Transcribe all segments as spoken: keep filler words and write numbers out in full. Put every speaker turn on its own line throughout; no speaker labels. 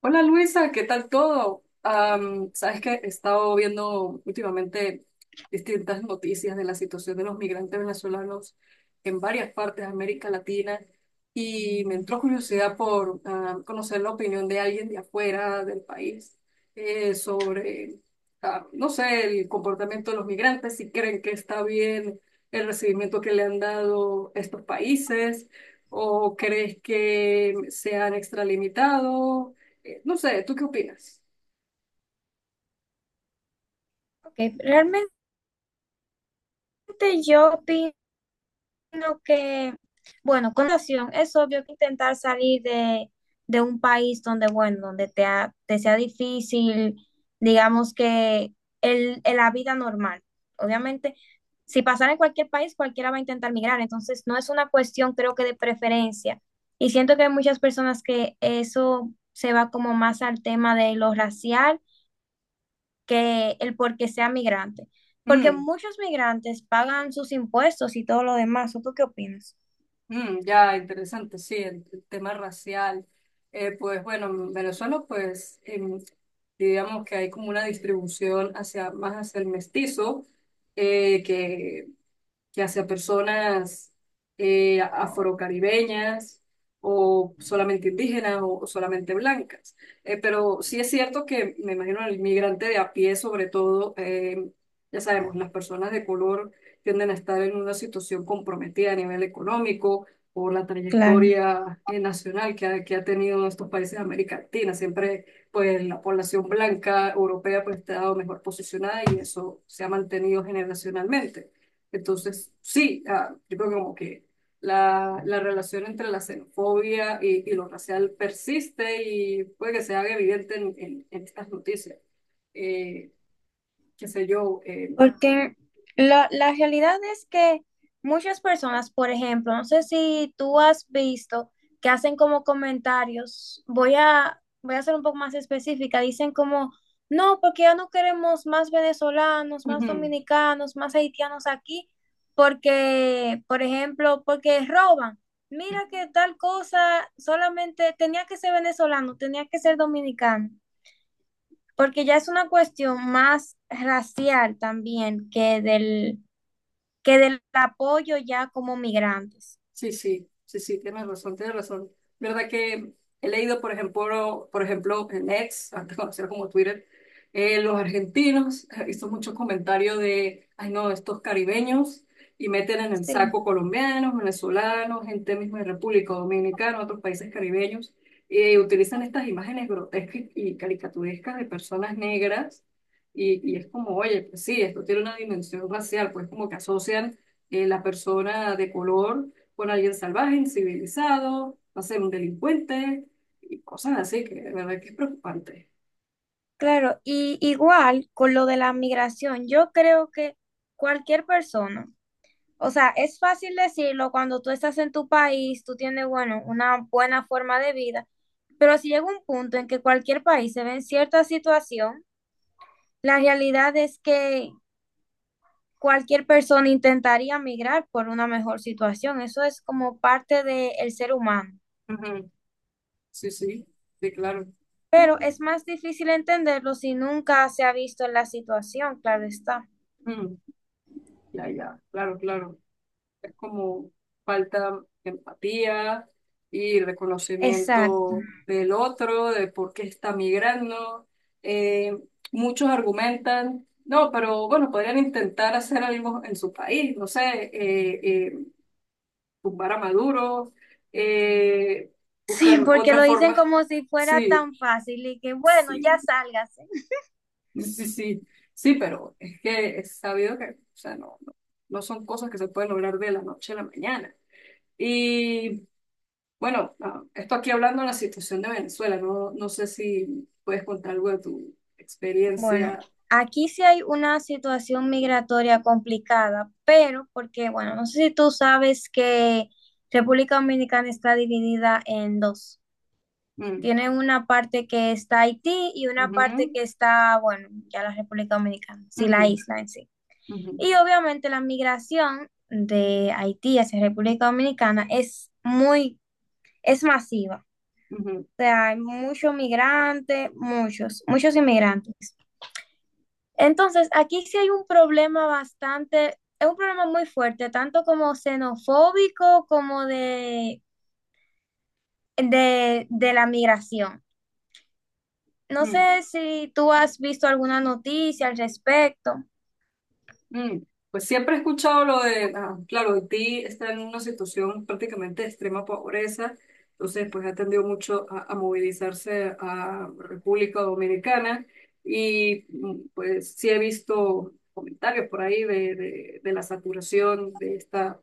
Hola Luisa, ¿qué tal todo? Am, sabes que he estado viendo últimamente distintas noticias de la situación de los migrantes venezolanos en varias partes de América Latina y me entró curiosidad por ah, conocer la opinión de alguien de afuera del país eh, sobre, ah, no sé, el comportamiento de los migrantes, si creen que está bien el recibimiento que le han dado estos países. ¿O crees que se han extralimitado? Eh, No sé, ¿tú qué opinas?
Ok, realmente yo opino que, bueno, con relación, es obvio que intentar salir de, de un país donde, bueno, donde te, ha- te sea difícil, digamos que el, el- la vida normal. Obviamente, si pasara en cualquier país, cualquiera va a intentar migrar, entonces no es una cuestión, creo que de preferencia. Y siento que hay muchas personas que eso se va como más al tema de lo racial que el por qué sea migrante. Porque
Mm,
muchos migrantes pagan sus impuestos y todo lo demás. ¿O tú qué opinas?
mm, ya, interesante, sí, el, el tema racial. Eh, pues bueno, en Venezuela, pues em, digamos que hay como una distribución hacia, más hacia el mestizo, eh, que ya sea personas eh, afrocaribeñas o solamente indígenas o, o solamente blancas. Eh, pero sí es cierto que me imagino el migrante de a pie, sobre todo, eh, ya sabemos, las personas de color tienden a estar en una situación comprometida a nivel económico por la
Claro.
trayectoria eh, nacional que ha, que ha tenido estos países de América Latina. Siempre, pues, la población blanca europea, pues, ha estado mejor posicionada y eso se ha mantenido generacionalmente. Entonces, sí, ah, yo creo que como que la, la relación entre la xenofobia y, y lo racial persiste y puede que se haga evidente en, en- en estas noticias. Eh, Qué sé yo, eh,
Porque la, la realidad es que muchas personas, por ejemplo, no sé si tú has visto que hacen como comentarios, voy a, voy a ser un poco más específica, dicen como, no, porque ya no queremos más venezolanos, más
ujú.
dominicanos, más haitianos aquí, porque, por ejemplo, porque roban. Mira que tal cosa solamente tenía que ser venezolano, tenía que ser dominicano porque ya es una cuestión más racial también que del, que del apoyo ya como migrantes.
Sí, sí, sí, sí, tienes razón, tienes razón. ¿Verdad que he leído, por ejemplo, por ejemplo, en X, antes conocido como Twitter, eh, los argentinos, he visto muchos comentarios de, ay no, estos caribeños, y meten en el
Sí,
saco colombianos, venezolanos, gente misma de República Dominicana, otros países caribeños, y utilizan estas imágenes grotescas y caricaturescas de personas negras, y, y es como, oye, pues sí, esto tiene una dimensión racial, pues como que asocian eh, la persona de color por alguien salvaje, incivilizado, no sé, un delincuente y cosas así, que de verdad que es preocupante.
claro. Y igual con lo de la migración, yo creo que cualquier persona, o sea, es fácil decirlo cuando tú estás en tu país, tú tienes, bueno, una buena forma de vida, pero si llega un punto en que cualquier país se ve en cierta situación, la realidad es que cualquier persona intentaría migrar por una mejor situación. Eso es como parte del ser humano.
Ujú. Sí, sí, sí, claro.
Pero es más difícil entenderlo si nunca se ha visto en la situación, claro está.
Mm, ya, ya, claro, claro. Es como falta de empatía y
Exacto.
reconocimiento del otro, de por qué está migrando. Eh, Muchos argumentan, no, pero bueno, podrían intentar hacer algo en su país, no sé, eh, eh, tumbar a Maduro, eh,
Sí,
buscar
porque lo
otras
dicen
formas.
como si fuera
Sí,
tan fácil y que, bueno, ya
sí,
sálgase.
sí, sí, sí, pero es que es sabido que, o sea, no, no, no son cosas que se pueden lograr de la noche a la mañana. Y bueno, ah, esto aquí hablando de la situación de Venezuela, no, no sé si puedes contar algo de tu
Bueno,
experiencia.
aquí sí hay una situación migratoria complicada, pero porque, bueno, no sé si tú sabes que República Dominicana está dividida en dos.
Mm,
Tiene una parte que está Haití y una parte
ujú,
que está, bueno, ya la República Dominicana, sí,
ujú,
la isla en sí.
ujú,
Y obviamente la migración de Haití hacia República Dominicana es muy, es masiva.
ujú,
O sea, hay muchos migrantes, muchos, muchos inmigrantes. Entonces, aquí sí hay un problema bastante, es un problema muy fuerte, tanto como xenofóbico como de, de, de la migración. No
ujú,
sé si tú has visto alguna noticia al respecto.
mm. Pues siempre he escuchado lo de, ah, claro, Haití está en una situación prácticamente de extrema pobreza, entonces pues ha tendido mucho a, a movilizarse a República Dominicana y mm, pues sí he visto comentarios por ahí de, de, de la saturación de esta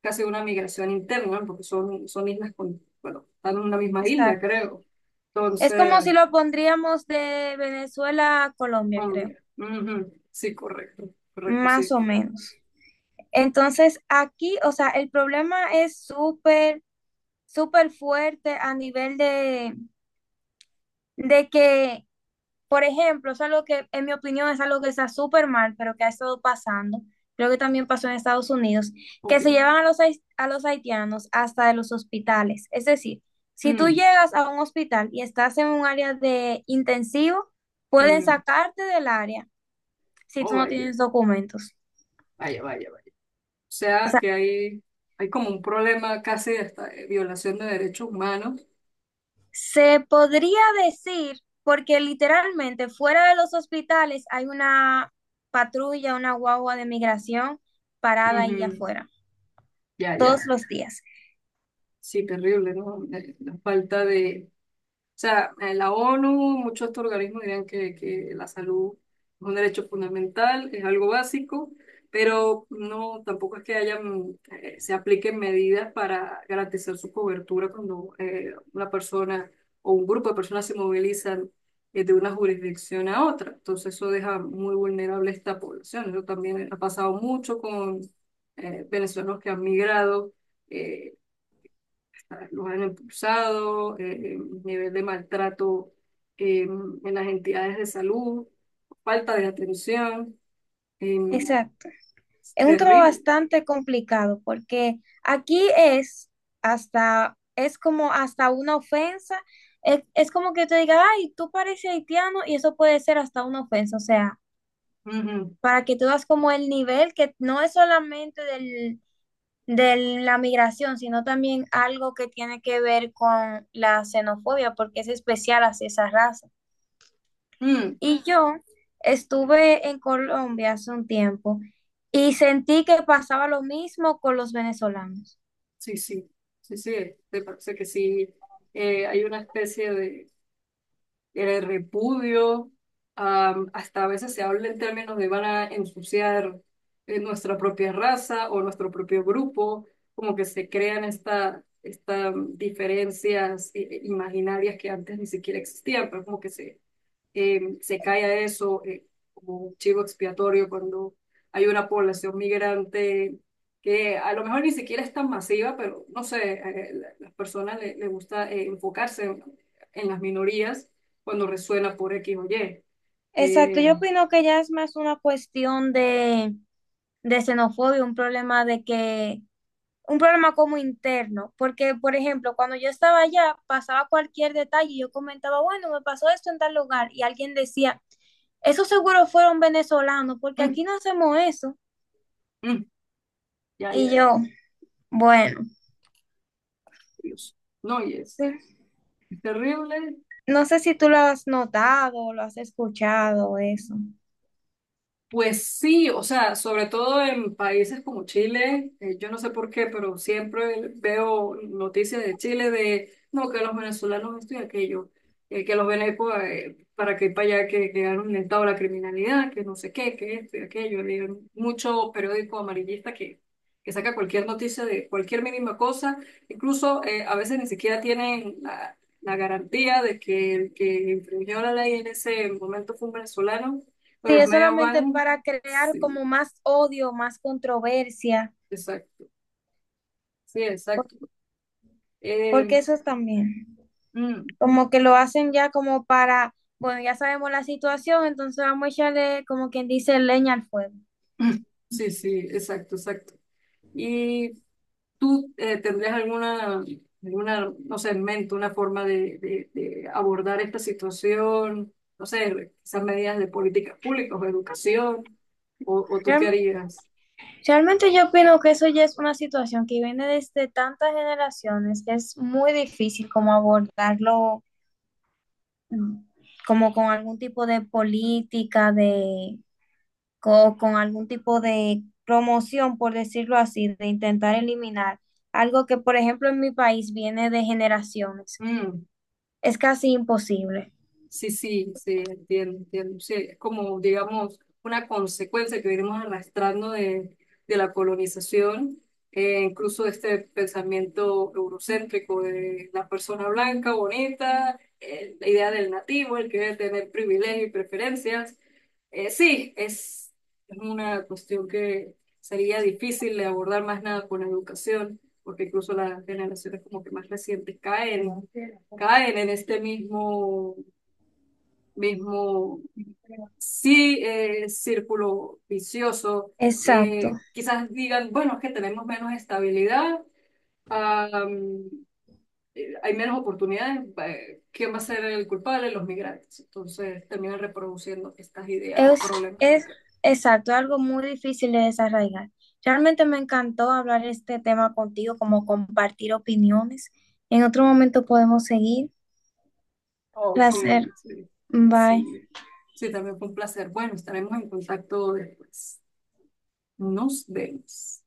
casi una migración interna, ¿no? Porque son, son islas con, bueno, están en una misma isla,
Exacto.
creo.
Es como
Entonces,
si lo pondríamos de Venezuela a Colombia,
oh,
creo,
mira. Ujú. Sí, correcto, correcto, sí.
más o menos. Entonces, aquí, o sea, el problema es súper, súper fuerte a nivel de, de que por ejemplo, es algo que, en mi opinión, es algo que está súper mal, pero que ha estado pasando. Creo que también pasó en Estados Unidos, que
Ok.
se llevan a los, hais- a los haitianos hasta de los hospitales. Es decir, si tú
Mm,
llegas a un hospital y estás en un área de intensivo, pueden
mm.
sacarte del área si tú
Oh,
no
vaya,
tienes documentos.
vaya, vaya, vaya. O
O
sea,
sea,
que hay, hay como un problema casi hasta de esta eh, violación de derechos humanos.
se podría decir, porque literalmente fuera de los hospitales hay una patrulla, una guagua de migración parada ahí
Ujú,
afuera
ya,
todos
ya.
los días.
Sí, terrible, ¿no? Eh, La falta de, o sea, eh, la O N U, muchos de estos organismos dirán que, que la salud es un derecho fundamental, es algo básico, pero no, tampoco es que hayan, eh, se apliquen medidas para garantizar su cobertura cuando eh, una persona o un grupo de personas se movilizan eh, de una jurisdicción a otra. Entonces eso deja muy vulnerable a esta población. Eso también ha pasado mucho con eh, venezolanos que han migrado. Eh, los han impulsado, eh, eh, nivel de maltrato eh, en las entidades de salud, falta de atención, eh,
Exacto. Es un trabajo
terrible.
bastante complicado porque aquí es hasta, es como hasta una ofensa. Es, es como que te diga, ay, tú pareces haitiano y eso puede ser hasta una ofensa. O sea,
Ujú.
para que tú das como el nivel que no es solamente del, de la migración, sino también algo que tiene que ver con la xenofobia porque es especial hacia esa raza.
Mm,
Y yo estuve en Colombia hace un tiempo y sentí que pasaba lo mismo con los venezolanos.
sí, sí, sí, sí, me parece que sí, eh, hay una especie de el repudio, am, hasta a veces se habla en términos de van a ensuciar eh, nuestra propia raza o nuestro propio grupo, como que se crean estas esta, esta, mm, diferencias eh, eh, imaginarias que antes ni siquiera existían, pero como que se eh, se cae a eso eh, como un chivo expiatorio cuando hay una población migrante que a lo mejor ni siquiera es tan masiva, pero no sé, eh, la- las personas le, le gusta eh, enfocarse en, en las minorías cuando resuena por X o Y.
Exacto,
Eh,
yo opino que ya es más una cuestión de, de xenofobia, un problema de que, un problema como interno, porque por ejemplo, cuando yo estaba allá, pasaba cualquier detalle y yo comentaba, bueno, me pasó esto en tal lugar y alguien decía, eso seguro fueron venezolanos, porque
mm,
aquí no hacemos eso.
mm, ya,
Y
ya,
yo, bueno.
Dios. No, y es
Sí.
terrible.
No sé si tú lo has notado, lo has escuchado, eso.
Pues sí, o sea, sobre todo en países como Chile, eh, yo no sé por qué, pero siempre veo noticias de Chile de, no, que los venezolanos esto y aquello, eh, que los venecos para que para allá que quedaron en estado de la criminalidad, que no sé qué, que esto y aquello. Hay mucho periódico amarillista que, que saca cualquier noticia de cualquier mínima cosa, incluso eh, a veces ni siquiera tienen la, la garantía de que el que infringió la ley en ese momento fue un venezolano, pero
Sí,
los
es
medios
solamente
van,
para crear como
sí,
más odio, más controversia,
exacto, sí, exacto. Eh,
porque eso es también,
mm,
como que lo hacen ya como para, bueno, ya sabemos la situación, entonces vamos a echarle como quien dice leña al fuego.
sí, sí, exacto, exacto. ¿Y tú eh, tendrías alguna, alguna, no sé, en mente una forma de, de- de abordar esta situación? No sé, quizás medidas de políticas públicas o educación, o, o tú qué
Real-
harías?
Realmente yo opino que eso ya es una situación que viene desde tantas generaciones que es muy difícil como abordarlo mm, como con algún tipo de política, de co- con algún tipo de promoción, por decirlo así, de intentar eliminar algo que, por ejemplo, en mi país viene de generaciones.
Mm.
Es casi imposible.
Sí, sí, sí, entiendo, entiendo. Sí, es como, digamos, una consecuencia que venimos arrastrando de, de la colonización, eh, incluso de este pensamiento eurocéntrico de la persona blanca, bonita, eh, la idea del nativo, el que debe tener privilegios y preferencias. Eh, sí, es, es una cuestión que sería difícil de abordar más nada con la educación, porque incluso las generaciones como que más recientes caen caen en este mismo mismo, sí, eh, círculo vicioso.
Exacto.
Eh, quizás digan, bueno, es que tenemos menos estabilidad, am, eh, hay menos oportunidades, eh, ¿quién va a ser el culpable? Los migrantes. Entonces terminan reproduciendo estas ideas
Es, es
problemáticas.
exacto, algo muy difícil de desarraigar. Realmente me encantó hablar este tema contigo, como compartir opiniones. En otro momento podemos seguir.
Ok,
Placer.
sí,
Bye.
sí, sí, también fue un placer. Bueno, estaremos en contacto después. Nos vemos.